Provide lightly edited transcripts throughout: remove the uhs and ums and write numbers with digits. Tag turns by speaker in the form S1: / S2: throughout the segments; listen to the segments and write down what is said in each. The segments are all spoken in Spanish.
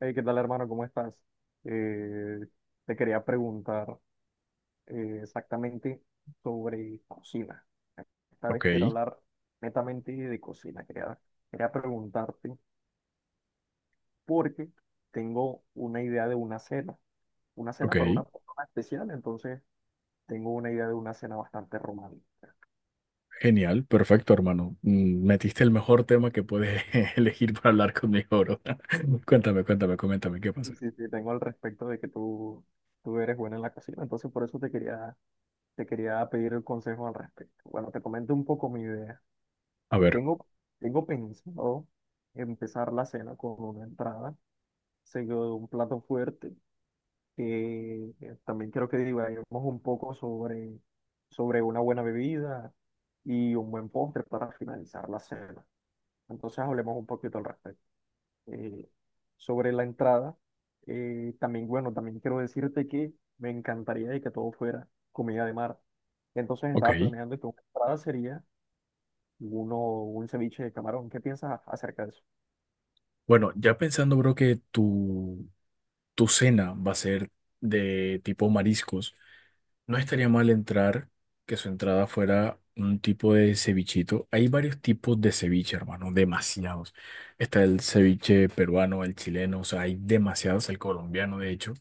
S1: Hey, ¿qué tal, hermano? ¿Cómo estás? Eh, Te quería preguntar exactamente sobre cocina. Esta
S2: Ok,
S1: vez quiero hablar netamente de cocina. Quería preguntarte porque tengo una idea de una
S2: ok,
S1: cena para una persona especial. Entonces tengo una idea de una cena bastante romántica.
S2: genial, perfecto, hermano. Metiste el mejor tema que puedes elegir para hablar conmigo, bro.
S1: Y
S2: Cuéntame, coméntame qué pasa.
S1: y sí, sí, tengo al respecto de que tú eres buena en la cocina. Entonces por eso te te quería pedir el consejo al respecto. Bueno, te comento un poco mi idea.
S2: A ver,
S1: Tengo, Tengo pensado empezar la cena con una entrada, seguido de un plato fuerte, que también quiero que divaguemos un poco sobre una buena bebida y un buen postre para finalizar la cena. Entonces hablemos un poquito al respecto. Eh, Sobre la entrada, también, bueno, también quiero decirte que me encantaría de que todo fuera comida de mar. Entonces estaba
S2: ok.
S1: planeando que una entrada sería uno, un ceviche de camarón. ¿Qué piensas acerca de eso?
S2: Bueno, ya pensando, bro, que tu cena va a ser de tipo mariscos. No estaría mal entrar, que su entrada fuera un tipo de cevichito. Hay varios tipos de ceviche, hermano, demasiados. Está el ceviche peruano, el chileno, o sea, hay demasiados, el colombiano, de hecho.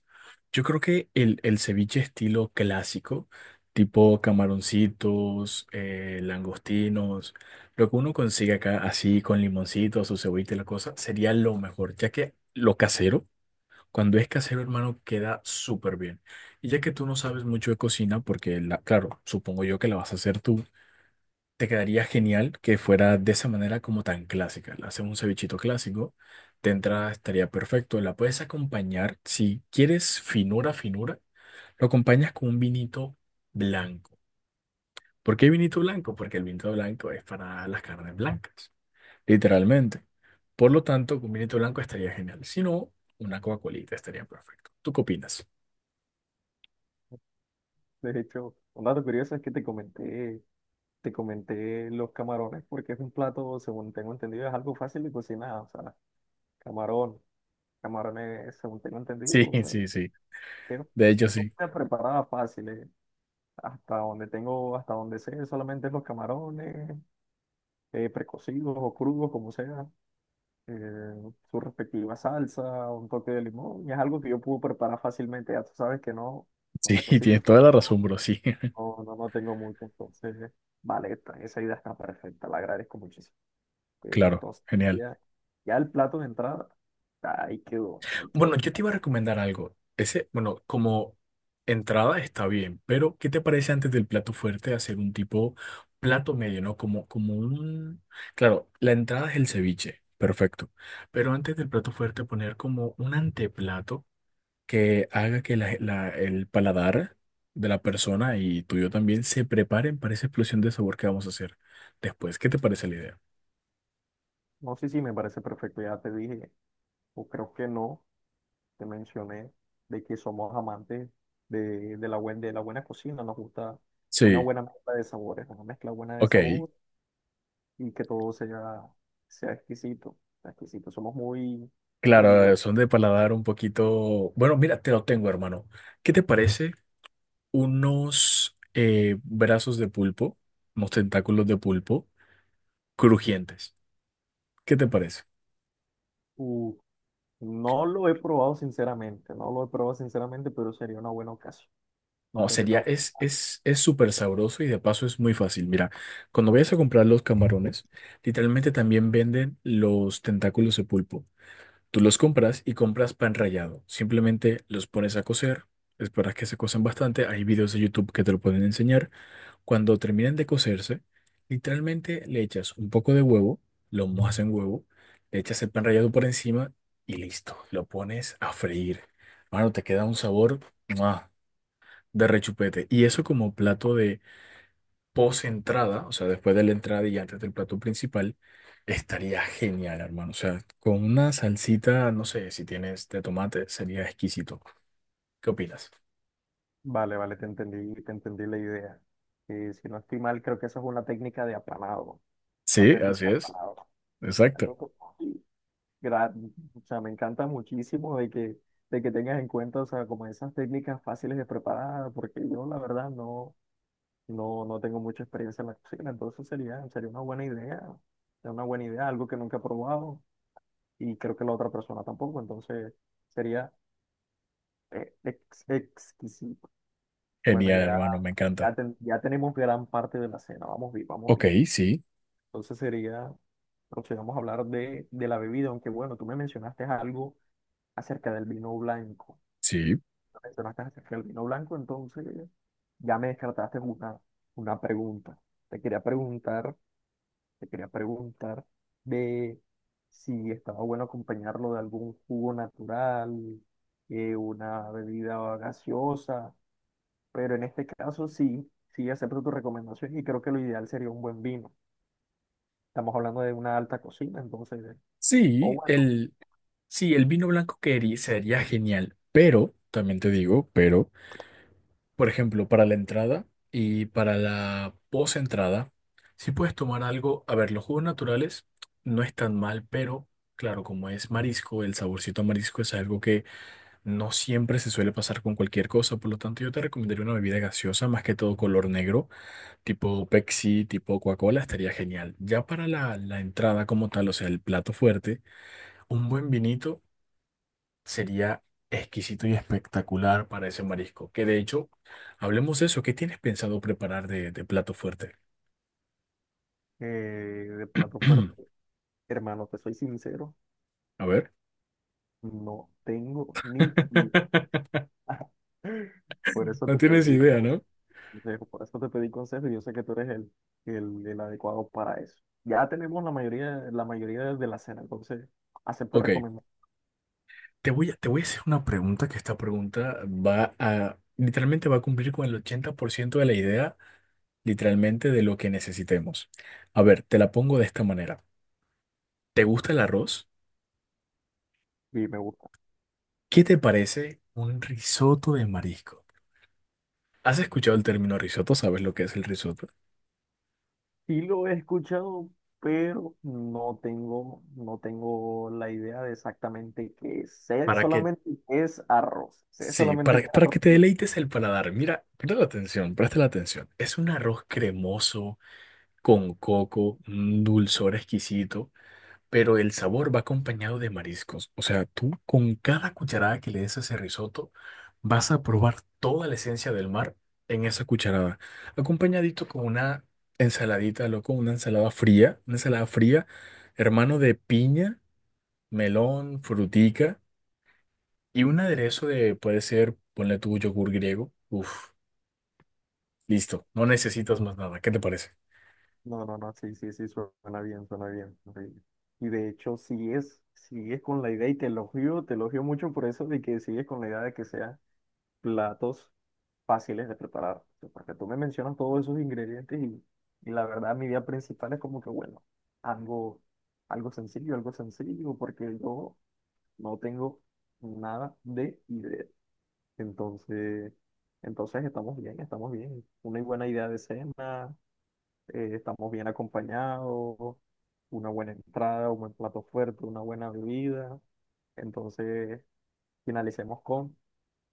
S2: Yo creo que el ceviche estilo clásico, tipo camaroncitos, langostinos, lo que uno consigue acá así con limoncito, su cebollita y la cosa, sería lo mejor, ya que lo casero. Cuando es casero, hermano, queda súper bien. Y ya que tú no sabes mucho de cocina, porque, la, claro, supongo yo que la vas a hacer tú, te quedaría genial que fuera de esa manera como tan clásica. Le haces un cevichito clásico, te entra, estaría perfecto. La puedes acompañar, si quieres finura, lo acompañas con un vinito blanco. ¿Por qué vinito blanco? Porque el vinito blanco es para las carnes blancas, literalmente. Por lo tanto, con vinito blanco estaría genial. Si no, una Coca-Colita estaría perfecto. ¿Tú qué opinas?
S1: De hecho, un dato curioso es que te te comenté los camarones, porque es un plato, según tengo entendido, es algo fácil de cocinar. O sea, camarón, camarones, según tengo entendido,
S2: Sí,
S1: o sea,
S2: sí, sí.
S1: es
S2: De hecho, sí.
S1: una preparada fácil. Hasta donde hasta donde sé, solamente los camarones, precocidos o crudos, como sea, eh, su respectiva salsa, un toque de limón, y es algo que yo puedo preparar fácilmente. Ya tú sabes que no, con
S2: Sí,
S1: la cocina,
S2: tienes
S1: no.
S2: toda la razón, bro. Sí,
S1: No tengo mucho. Entonces, vale, esa idea está perfecta, la agradezco muchísimo.
S2: claro,
S1: Entonces,
S2: genial.
S1: ya, ya el plato de entrada, ahí quedó, ahí
S2: Bueno,
S1: quedó.
S2: yo te iba a recomendar algo. Ese, bueno, como entrada está bien, pero ¿qué te parece antes del plato fuerte hacer un tipo plato medio, ¿no? Como, un... Claro, la entrada es el ceviche, perfecto. Pero antes del plato fuerte poner como un anteplato que haga que el paladar de la persona y tuyo también se preparen para esa explosión de sabor que vamos a hacer después. ¿Qué te parece la idea?
S1: No sé si me parece perfecto, ya te dije, o creo que no, te mencioné de que somos amantes de de la buena cocina, nos gusta una
S2: Sí,
S1: buena mezcla de sabores, una mezcla buena de
S2: ok.
S1: sabor y que todo sea exquisito, sea exquisito. Somos muy
S2: Claro,
S1: rigurosos.
S2: son de paladar un poquito. Bueno, mira, te lo tengo, hermano. ¿Qué te parece unos brazos de pulpo, unos tentáculos de pulpo crujientes? ¿Qué te parece?
S1: No lo he probado sinceramente, no lo he probado sinceramente, pero sería una buena ocasión.
S2: No,
S1: Sería
S2: sería,
S1: una...
S2: es súper sabroso y de paso es muy fácil. Mira, cuando vayas a comprar los camarones, literalmente también venden los tentáculos de pulpo. Tú los compras y compras pan rallado. Simplemente los pones a cocer, esperas que se cocen bastante. Hay videos de YouTube que te lo pueden enseñar. Cuando terminan de cocerse, literalmente le echas un poco de huevo, lo mojas en huevo, le echas el pan rallado por encima y listo, lo pones a freír. Mano, te queda un sabor ¡mua! De rechupete. Y eso como plato de post-entrada, o sea, después de la entrada y antes del plato principal, estaría genial, hermano. O sea, con una salsita, no sé, si tienes de tomate, sería exquisito. ¿Qué opinas?
S1: Vale, te te entendí la idea. Si no estoy mal, creo que esa es una técnica de apanado, una
S2: Sí, así
S1: técnica de
S2: es.
S1: apanado.
S2: Exacto.
S1: Entonces, sí, gra- o sea, me encanta muchísimo de de que tengas en cuenta, o sea, como esas técnicas fáciles de preparar, porque yo la verdad no, no tengo mucha experiencia en la cocina. Entonces sería una buena idea, sería una buena idea, algo que nunca he probado. Y creo que la otra persona tampoco, entonces sería exquisito. Bueno,
S2: Genial,
S1: ya,
S2: hermano, me encanta.
S1: ya, ya tenemos gran parte de la cena, vamos bien, vamos
S2: Ok,
S1: bien.
S2: sí,
S1: Entonces sería, procedamos a hablar de la bebida, aunque bueno, tú me mencionaste algo acerca del vino blanco.
S2: sí.
S1: Me Mencionaste acerca del vino blanco, entonces ya me descartaste una pregunta. Te quería preguntar. Te quería preguntar de si estaba bueno acompañarlo de algún jugo natural, una bebida gaseosa, pero en este caso sí, sí acepto tu recomendación y creo que lo ideal sería un buen vino. Estamos hablando de una alta cocina. Entonces, o
S2: Sí,
S1: bueno,
S2: el, sí, el vino blanco que herí- sería genial, pero, también te digo, pero, por ejemplo, para la entrada y para la post-entrada, si puedes tomar algo, a ver, los jugos naturales no es tan mal, pero, claro, como es marisco, el saborcito a marisco es algo que no siempre se suele pasar con cualquier cosa, por lo tanto yo te recomendaría una bebida gaseosa, más que todo color negro, tipo Pepsi, tipo Coca-Cola, estaría genial. Ya para la entrada como tal, o sea, el plato fuerte, un buen vinito. Sería exquisito y espectacular para ese marisco. Que de hecho, hablemos de eso. ¿Qué tienes pensado preparar de plato fuerte?
S1: de plato fuerte. Hermano, te soy sincero,
S2: A ver.
S1: no tengo ni idea. Por eso
S2: No
S1: te
S2: tienes
S1: pedí.
S2: idea,
S1: Entonces,
S2: ¿no?
S1: por eso te pedí consejo y yo sé que tú eres el adecuado para eso. Ya tenemos la mayoría de la cena, entonces acepto
S2: Ok,
S1: recomendar
S2: te voy a hacer una pregunta que esta pregunta va a, literalmente va a cumplir con el 80% de la idea, literalmente de lo que necesitemos. A ver, te la pongo de esta manera. ¿Te gusta el arroz?
S1: y me gusta.
S2: ¿Qué te parece un risotto de marisco? ¿Has escuchado el término risotto? ¿Sabes lo que es el risotto?
S1: Sí lo he escuchado, pero no no tengo la idea de exactamente qué es. Sé
S2: Para que
S1: solamente que es arroz. Sé
S2: Sí,
S1: solamente que es
S2: para
S1: arroz.
S2: que te
S1: Bueno,
S2: deleites el paladar. Mira, presta la atención. Es un arroz cremoso, con coco, un dulzor exquisito, pero el sabor va acompañado de mariscos. O sea, tú con cada cucharada que le des a ese risotto, vas a probar toda la esencia del mar en esa cucharada. Acompañadito con una ensaladita, loco, una ensalada fría, hermano de piña, melón, frutica. Y un aderezo de, puede ser, ponle tu yogur griego. Uf, listo, no necesitas más nada. ¿Qué te parece?
S1: no, no, no, sí, sí, sí, suena bien, suena bien, sí. Y de hecho, si si es con la idea y te te elogio mucho por eso de que sigues con la idea de que sea platos fáciles de preparar. O sea, porque tú me mencionas todos esos ingredientes y la verdad mi idea principal es como que, bueno, algo, algo sencillo, porque yo no tengo nada de idea. Entonces, entonces estamos bien, estamos bien. Una buena idea de cena, estamos bien acompañados, una buena entrada, un buen plato fuerte, una buena bebida. Entonces, finalicemos con,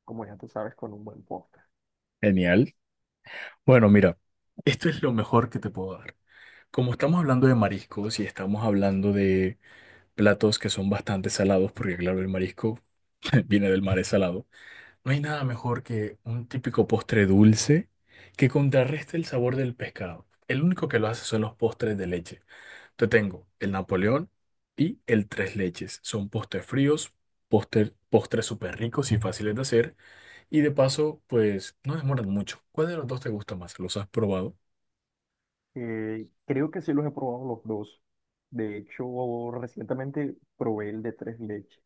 S1: como ya tú sabes, con un buen postre.
S2: Genial. Bueno, mira, esto es lo mejor que te puedo dar. Como estamos hablando de mariscos y estamos hablando de platos que son bastante salados, porque claro, el marisco viene del mar, es salado, no hay nada mejor que un típico postre dulce que contrarreste el sabor del pescado. El único que lo hace son los postres de leche. Te tengo el Napoleón y el Tres Leches. Son postres fríos, postres súper ricos y fáciles de hacer. Y de paso, pues no demoran mucho. ¿Cuál de los dos te gusta más? ¿Los has probado?
S1: Creo que sí los he probado los dos. De hecho, recientemente probé el de tres leches.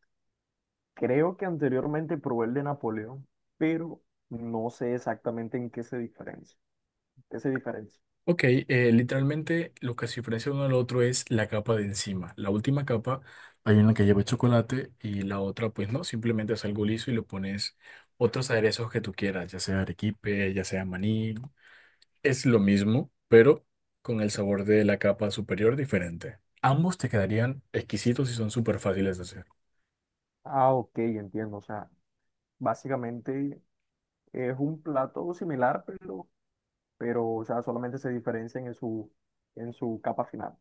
S1: Creo que anteriormente probé el de Napoleón, pero no sé exactamente en qué se diferencia. ¿Qué se diferencia?
S2: Ok, literalmente lo que se diferencia uno al otro es la capa de encima. La última capa, hay una que lleva chocolate y la otra, pues no, simplemente es algo liso y le pones otros aderezos que tú quieras, ya sea arequipe, ya sea maní. Es lo mismo, pero con el sabor de la capa superior diferente. Ambos te quedarían exquisitos y son súper fáciles de hacer.
S1: Ah, ok, entiendo. O sea, básicamente es un plato similar, pero o sea, solamente se diferencian en en su capa final.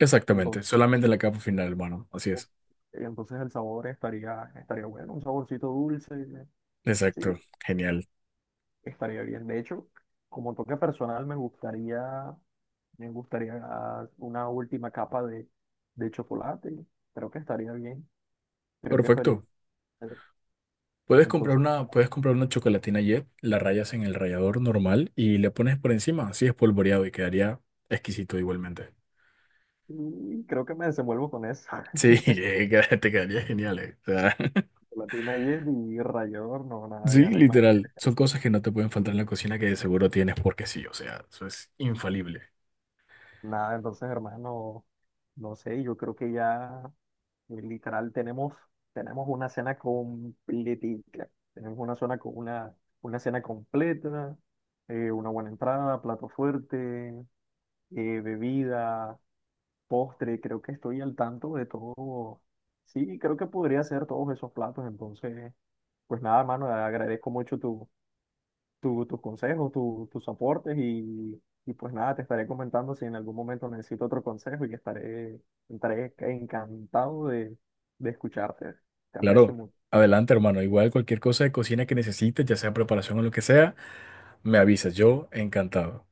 S2: Exactamente,
S1: Entonces,
S2: solamente la capa final, hermano. Así es.
S1: entonces el sabor estaría, estaría bueno, un saborcito dulce. Sí,
S2: Exacto, genial.
S1: estaría bien. De hecho, como toque personal, me me gustaría una última capa de chocolate. Creo que estaría bien. Creo que estaría
S2: Perfecto.
S1: bien. Entonces,
S2: Puedes comprar una chocolatina Jet, la rayas en el rallador normal y le pones por encima, así espolvoreado y quedaría exquisito igualmente.
S1: y creo que me desenvuelvo con eso.
S2: Sí, queda- te quedaría genial, eh. O sea,
S1: Chocolatina ayer y rallador, no, nada,
S2: sí,
S1: ya no hay más.
S2: literal. Son cosas que no te pueden faltar en la cocina que de seguro tienes porque sí, o sea, eso es infalible.
S1: Nada, entonces, hermano, no sé, yo creo que ya literal tenemos una cena completica. Tenemos una zona con una cena completa, una buena entrada, plato fuerte, bebida, postre, creo que estoy al tanto de todo. Sí, creo que podría hacer todos esos platos. Entonces, pues nada, mano, agradezco mucho tus consejos, tus aportes y pues nada, te estaré comentando si en algún momento necesito otro consejo y estaré encantado de escucharte. Te aprecio
S2: Claro,
S1: mucho.
S2: adelante, hermano. Igual cualquier cosa de cocina que necesites, ya sea preparación o lo que sea, me avisas. Yo encantado.